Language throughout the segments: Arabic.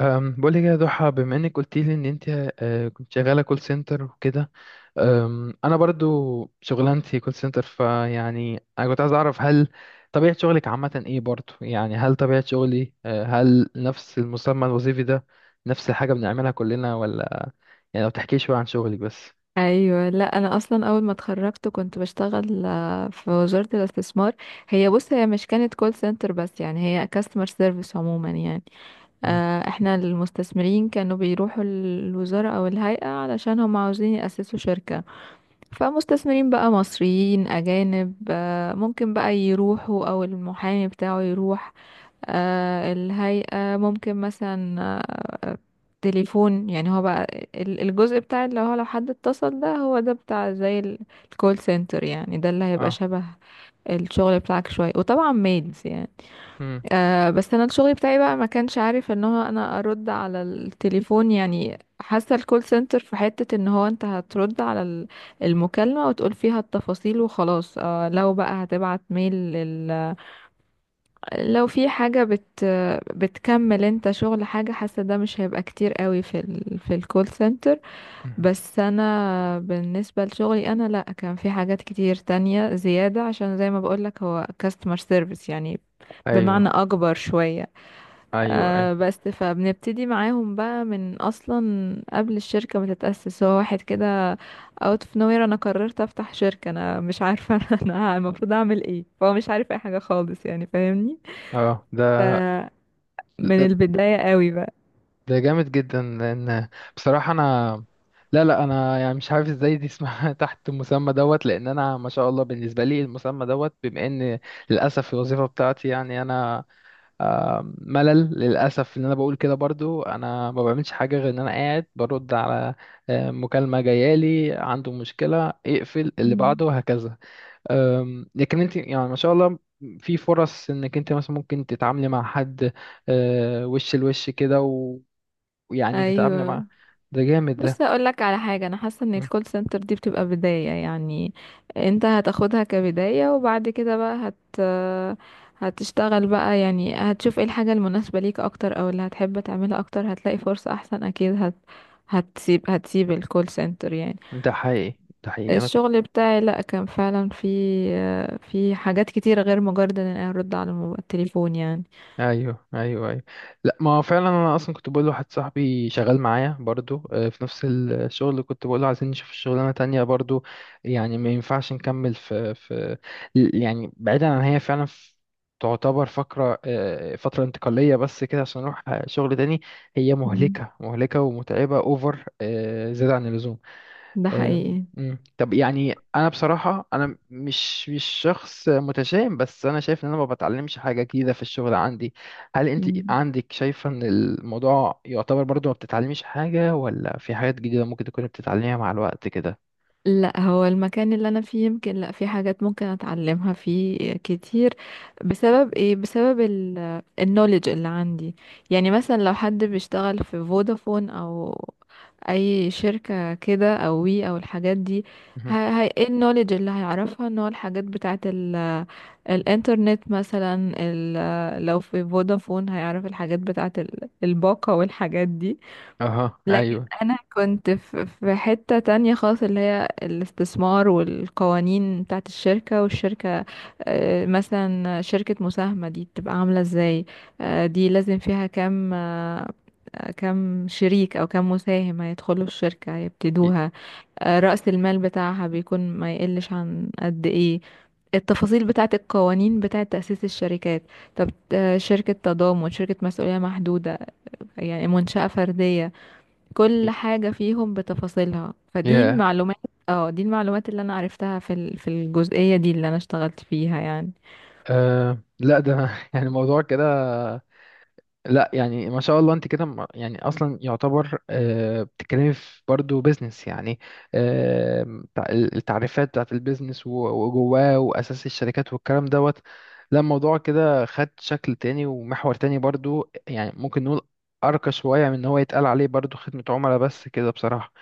بقول لك يا ضحى، بما انك قلت لي ان انت كنت شغاله كول سنتر وكده. انا برضو شغلانتي كول سنتر، فيعني انا كنت عايز اعرف، هل طبيعه شغلك عامه ايه برضو؟ يعني هل طبيعه شغلي أه، هل نفس المسمى الوظيفي ده نفس الحاجه بنعملها كلنا ولا؟ يعني لو تحكي شويه عن شغلك بس. ايوه، لا انا اصلا اول ما اتخرجت كنت بشتغل في وزارة الاستثمار. هي بص هي مش كانت كول سنتر، بس يعني هي كاستمر سيرفيس عموما يعني. اه. احنا المستثمرين كانوا بيروحوا الوزارة او الهيئة علشان هم عاوزين يأسسوا شركة. فمستثمرين بقى مصريين اجانب ممكن بقى يروحوا او المحامي بتاعه يروح. الهيئة ممكن مثلا آه، تليفون، يعني هو بقى الجزء بتاع اللي هو لو حد اتصل، ده هو ده بتاع زي الكول سنتر، يعني ده اللي هيبقى اه. شبه الشغل بتاعك شوية وطبعا ميلز يعني. مم. بس انا الشغل بتاعي بقى ما كانش عارف ان هو انا ارد على التليفون. يعني حاسة الكول سنتر في حتة ان هو انت هترد على المكالمة وتقول فيها التفاصيل وخلاص. لو بقى هتبعت ميل، لو في حاجة بتكمل انت شغل، حاجة حاسة ده مش هيبقى كتير قوي في في الكول سنتر. مم. بس انا بالنسبة لشغلي انا لا، كان في حاجات كتير تانية زيادة، عشان زي ما بقولك هو كاستمر سيرفيس يعني، ايوه، بمعنى اكبر شوية. ايوه، ايوه. بس فبنبتدي معاهم بقى من اصلا قبل الشركة ما تتأسس. هو واحد كده out of nowhere انا قررت افتح شركة، انا مش عارفة انا المفروض اعمل ايه، فهو مش عارف اي حاجة خالص يعني، فاهمني، اه. ده من البداية قوي بقى. ده جامد جدا، لان بصراحه انا، لا، لا، انا يعني مش عارف ازاي دي اسمها تحت المسمى دوت، لان انا ما شاء الله بالنسبه لي المسمى دوت، بما ان للاسف الوظيفه بتاعتي، يعني انا، ملل للاسف. ان انا بقول كده برضو انا ما بعملش حاجه غير ان انا قاعد برد على مكالمه جايالي عنده مشكله، اقفل اللي مم. بعده، وهكذا. لكن انت يعني ما شاء الله، في فرص انك انت مثلا ممكن تتعاملي مع حد وش لوش كده، يعني تتعاملي معاه. ايوه، ده جامد ده. بص هقول لك على حاجه. انا حاسه ان مم. الكول سنتر دي بتبقى بدايه يعني، انت هتاخدها كبدايه وبعد كده بقى هتشتغل بقى. يعني هتشوف ايه الحاجه المناسبه ليك اكتر او اللي هتحب تعملها اكتر، هتلاقي فرصه احسن اكيد. هت هتسيب هتسيب الكول سنتر يعني. ده حقيقي، ده حقيقي، انا. الشغل بتاعي لا كان فعلا في حاجات كتيره غير مجرد ان انا ارد على التليفون يعني. ايوه، ايوه، ايوه. لا، ما هو فعلا انا اصلا كنت بقول لواحد صاحبي شغال معايا برضو في نفس الشغل، اللي كنت بقول له عايزين نشوف شغلانه تانية برضو. يعني ما ينفعش نكمل في يعني بعيدا عن هي فعلا في، تعتبر فقرة آه، فترة انتقالية بس كده، عشان نروح شغل تاني. هي مم. مهلكة مهلكة ومتعبة اوفر، زيادة عن اللزوم. ده حقيقي. مم. طب يعني انا بصراحه، انا مش شخص متشائم، بس انا شايف ان انا ما بتعلمش حاجه جديده في الشغل عندي. هل انت مم. عندك شايفه ان الموضوع يعتبر برضو ما بتتعلميش حاجه، ولا في حاجات جديده ممكن تكون بتتعلميها مع الوقت كده؟ لا، هو المكان اللي انا فيه يمكن، لا في حاجات ممكن اتعلمها فيه كتير. بسبب ايه؟ بسبب النولج اللي عندي. يعني مثلا لو حد بيشتغل في فودافون او اي شركة كده او وي او الحاجات دي، ه- مهم. هي ايه النولج اللي هيعرفها؟ ان هو الحاجات بتاعت الانترنت مثلا، لو في فودافون هيعرف الحاجات بتاعت الباقة والحاجات دي. اها، لكن ايوه. انا كنت في حتة تانية خالص، اللي هي الاستثمار والقوانين بتاعت الشركة والشركة. مثلا شركة مساهمة دي بتبقى عاملة ازاي؟ دي لازم فيها كام شريك او كام مساهم هيدخلوا الشركة ي- هيبتدوها؟ رأس المال بتاعها بيكون ما يقلش عن قد ايه؟ التفاصيل بتاعت القوانين بتاعت تأسيس الشركات. طب شركة تضامن، شركة مسؤولية محدودة، يعني منشأة فردية، ي- كل حاجة فيهم بتفاصيلها. فدي يا، المعلومات. اه دي المعلومات اللي انا عرفتها في في الجزئية دي اللي انا اشتغلت فيها يعني. أه، لا، ده يعني الموضوع كده. لا يعني، ما شاء الله، انت كده يعني اصلا يعتبر بتتكلمي في برضه بيزنس يعني. التعريفات بتاعت البيزنس و- وجواه واساس الشركات والكلام دوت. لا، الموضوع كده خد شكل تاني ومحور تاني برضه، يعني ممكن نقول ارقى شويه من ان هو يتقال عليه برضه خدمه عملاء بس كده، بصراحه.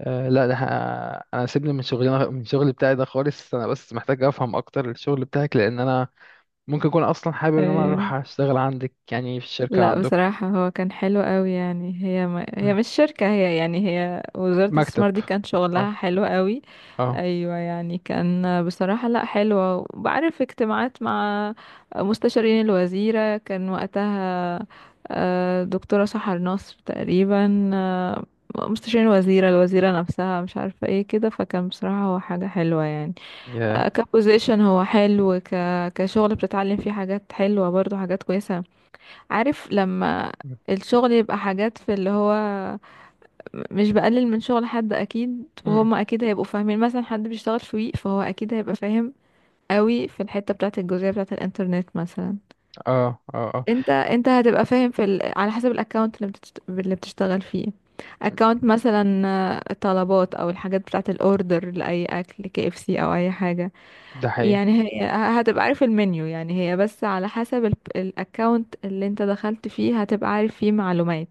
لا، ده انا سيبني من شغلي بتاعي ده خالص. انا بس محتاج افهم اكتر الشغل بتاعك، لان انا ممكن اكون اصلا حابب ان انا اروح اشتغل عندك، يعني في الشركه لا عندكم. بصراحة هو كان حلو قوي، يعني هي ما هي مم. مش شركة، هي يعني هي وزارة مكتب. الاستثمار دي كان اه. شغلها حلو قوي. اه. ايوه يعني كان بصراحة لا حلوة، وبعرف اجتماعات مع مستشارين الوزيرة، كان وقتها دكتورة سحر نصر تقريبا. مستشارين الوزيرة، الوزيرة نفسها، مش عارفة ايه كده. فكان بصراحة هو حاجة حلوة يعني. ياه. كبوزيشن هو حلو، كشغل بتتعلم فيه حاجات حلوة برضو، حاجات كويسة. عارف لما مم. الشغل يبقى حاجات في اللي هو، مش بقلل من شغل حد اكيد، مم. وهما اكيد هيبقوا فاهمين، مثلا حد بيشتغل في ويك فهو اكيد هيبقى فاهم قوي في الحتة بتاعة الجزئية بتاعة الانترنت مثلا. اه. اه. اه. انت هتبقى فاهم في على حسب الاكونت اللي بتشتغل فيه. اكونت مثلا طلبات او الحاجات بتاعة الاوردر لاي اكل، كي اف سي او اي حاجة. ده حقيقي، يعني هي هتبقى عارف المنيو يعني، هي بس على حسب الاكونت اللي انت دخلت فيه هتبقى عارف فيه معلومات.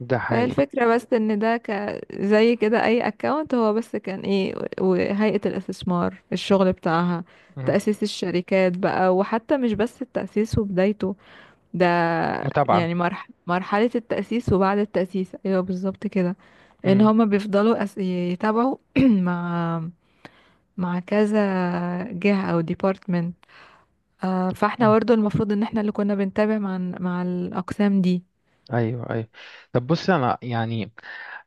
ده فهي حقيقي. الفكرة، بس ان ده زي كده اي اكونت. هو بس كان ايه وهيئة الاستثمار الشغل بتاعها مم. تأسيس الشركات بقى. وحتى مش بس التأسيس وبدايته ده، متابعة. يعني مرحلة التأسيس وبعد التأسيس، ايوه بالظبط كده، ان مم. هما بيفضلوا يتابعوا مع كذا جهة او ديبارتمنت. فاحنا اه. برضه المفروض ان احنا اللي كنا بنتابع مع الأقسام دي. ايوه، ايوه. طب بص، انا يعني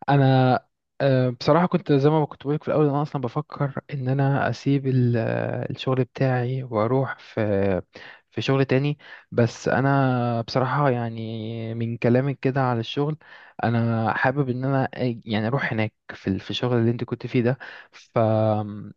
انا، بصراحه كنت زي ما كنت بقولك في الاول، انا اصلا بفكر ان انا اسيب الشغل بتاعي واروح في شغل تاني. بس انا بصراحه، يعني من كلامك كده على الشغل، انا حابب ان انا يعني اروح هناك في في الشغل اللي انت كنت فيه ده. ف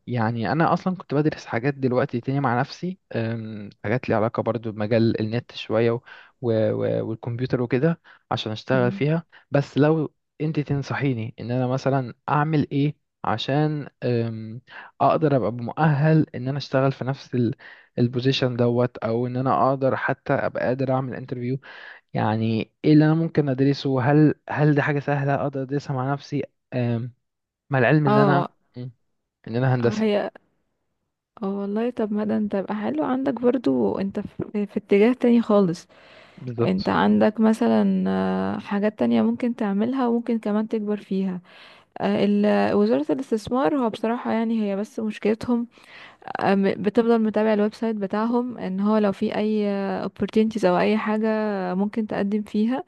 يعني انا اصلا كنت بدرس حاجات دلوقتي تاني مع نفسي. حاجات ليها علاقه برضو بمجال النت شويه والكمبيوتر وكده، عشان اشتغل مم. فيها. بس لو انت تنصحيني ان انا مثلا اعمل ايه، عشان اقدر ابقى مؤهل ان انا اشتغل في نفس البوزيشن دوت، او ان انا اقدر حتى ابقى قادر اعمل انترفيو. يعني ايه اللي انا ممكن ادرسه؟ هل دي حاجة سهلة اقدر ادرسها مع نفسي؟ أم، مع العلم ان انا اه ان انا هندسة. هي اه والله، طب ما ده انت يبقى حلو عندك برضو. انت في اتجاه تاني خالص. انت بالظبط. عندك مثلا حاجات تانية ممكن تعملها وممكن كمان تكبر فيها. وزارة الاستثمار هو بصراحة يعني هي بس مشكلتهم، بتفضل متابع الويب سايت بتاعهم ان هو لو في اي opportunities او اي حاجة ممكن تقدم فيها.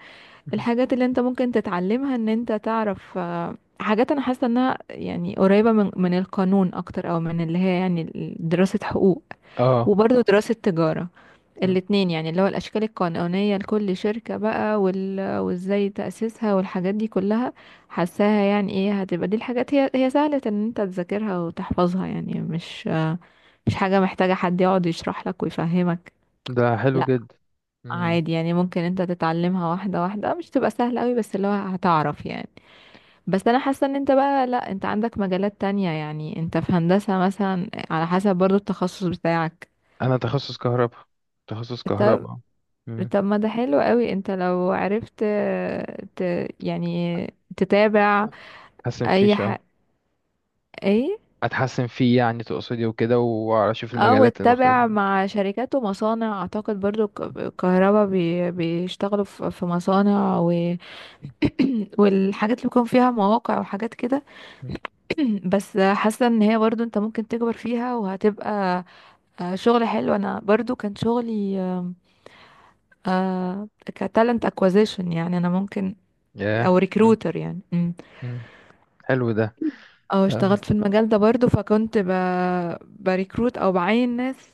مهم. الحاجات اللي انت ممكن تتعلمها ان انت تعرف حاجات انا حاسه انها يعني قريبه من القانون اكتر، او من اللي هي يعني دراسه حقوق، اه. وبرضه دراسة تجارة. مم. الاتنين يعني، اللي هو الأشكال القانونية لكل شركة بقى وازاي تأسيسها والحاجات دي كلها. حاساها يعني، ايه، هتبقى دي الحاجات هي سهلة ان انت تذاكرها وتحفظها يعني، مش حاجة محتاجة حد يقعد يشرح لك ويفهمك. ده حلو لا جدا. مم. عادي يعني، ممكن انت تتعلمها واحدة واحدة، مش تبقى سهلة قوي بس اللي هو هتعرف يعني. بس انا حاسة ان انت بقى لا، انت عندك مجالات تانية يعني، انت في هندسة مثلا. على حسب برضو التخصص بتاعك. انا تخصص كهرباء، تخصص طب كهرباء. مم. ما ده حلو قوي. انت لو عرفت ت... يعني تتابع، حاسس إن في اي شوية ح... ايه، اتحسن فيه يعني، تقصدي وكده، واشوف او المجالات المختلفة. تتابع مع شركات ومصانع، اعتقد برضو الكهرباء بيشتغلوا في مصانع والحاجات اللي بيكون فيها مواقع وحاجات كده. مم. بس حاسه ان هي برضو انت ممكن تكبر فيها وهتبقى شغل حلو. انا برضو كان شغلي كتالنت اكوزيشن، يعني انا ممكن او ياه. مم. ريكروتر يعني. مم. حلو ده. اه اه. اشتغلت في المجال ده برضو، فكنت بريكروت او بعين ناس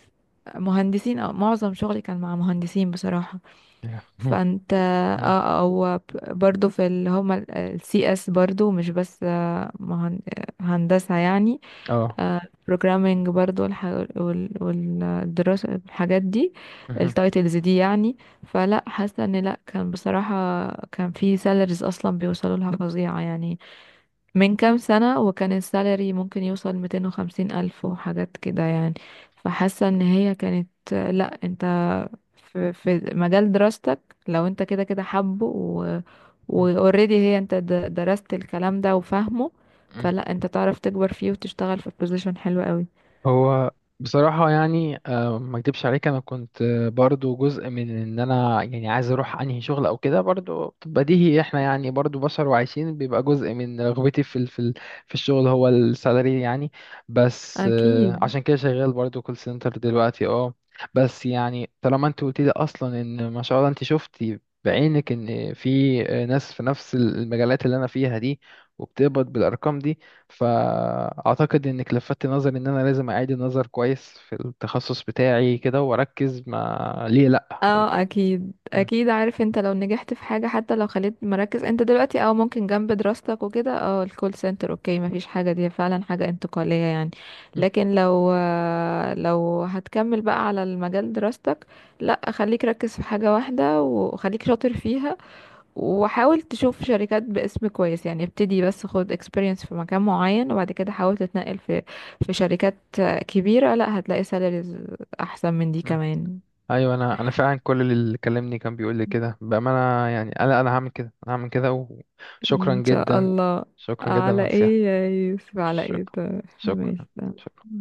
مهندسين، او معظم شغلي كان مع مهندسين بصراحة. ياه. مم. فانت مم. او برضو في اللي هما السي اس برضو، مش بس آه، مهن... آه، هندسة يعني، اه. بروجرامينج برضو والدراسة الحاجات دي، مهم. التايتلز دي يعني. فلا، حاسة ان لا، كان بصراحة كان في سالاريز اصلا بيوصلوا لها فظيعة يعني. من كام سنة وكان السالري ممكن يوصل 250 ألف وحاجات كده يعني. فحاسة ان هي كانت لا، انت في مجال دراستك، لو انت كده كده حابه، و اوريدي هي انت درست الكلام ده وفاهمه، مم. فلا انت تعرف تكبر فيه وتشتغل في بوزيشن حلو قوي. هو بصراحة يعني ما اكدبش عليك، انا كنت برضو جزء من ان انا يعني عايز اروح انهي شغل او كده، برضو بديهي، احنا يعني برضو بشر وعايشين، بيبقى جزء من رغبتي في الشغل هو السالري يعني. بس اكيد عشان كده شغال برضو كول سنتر دلوقتي، اه. بس يعني طالما انت قلت لي اصلا ان ما شاء الله انت شفتي بعينك ان في ناس في نفس المجالات اللي انا فيها دي، وبتقبض بالارقام دي، فأعتقد إنك لفتت نظري إن أنا لازم أعيد النظر كويس في التخصص بتاعي كده، وأركز ما ليه لأ. اه اكيد م- اكيد. عارف، انت لو نجحت في حاجة حتى لو خليت مركز انت دلوقتي او ممكن جنب دراستك وكده، الكول سنتر اوكي مفيش حاجة، دي فعلا حاجة انتقالية يعني. م- لكن لو هتكمل بقى على المجال دراستك، لا خليك ركز في حاجة واحدة وخليك شاطر فيها، وحاول تشوف شركات باسم كويس يعني. ابتدي بس خد experience في مكان معين وبعد كده حاول تتنقل في شركات كبيرة، لا هتلاقي سالاريز احسن من دي م. كمان. أيوة، أنا فعلا كل اللي كلمني كان بيقول لي كده بأمانة، يعني أنا هعمل كده، أنا هعمل كده. وشكرا ان شاء جدا. الله. شكرا جدا على على النصيحة. ايه يا يوسف، على ايه؟ شكرا. طيب. شكرا. ماشي تمام. شكرا.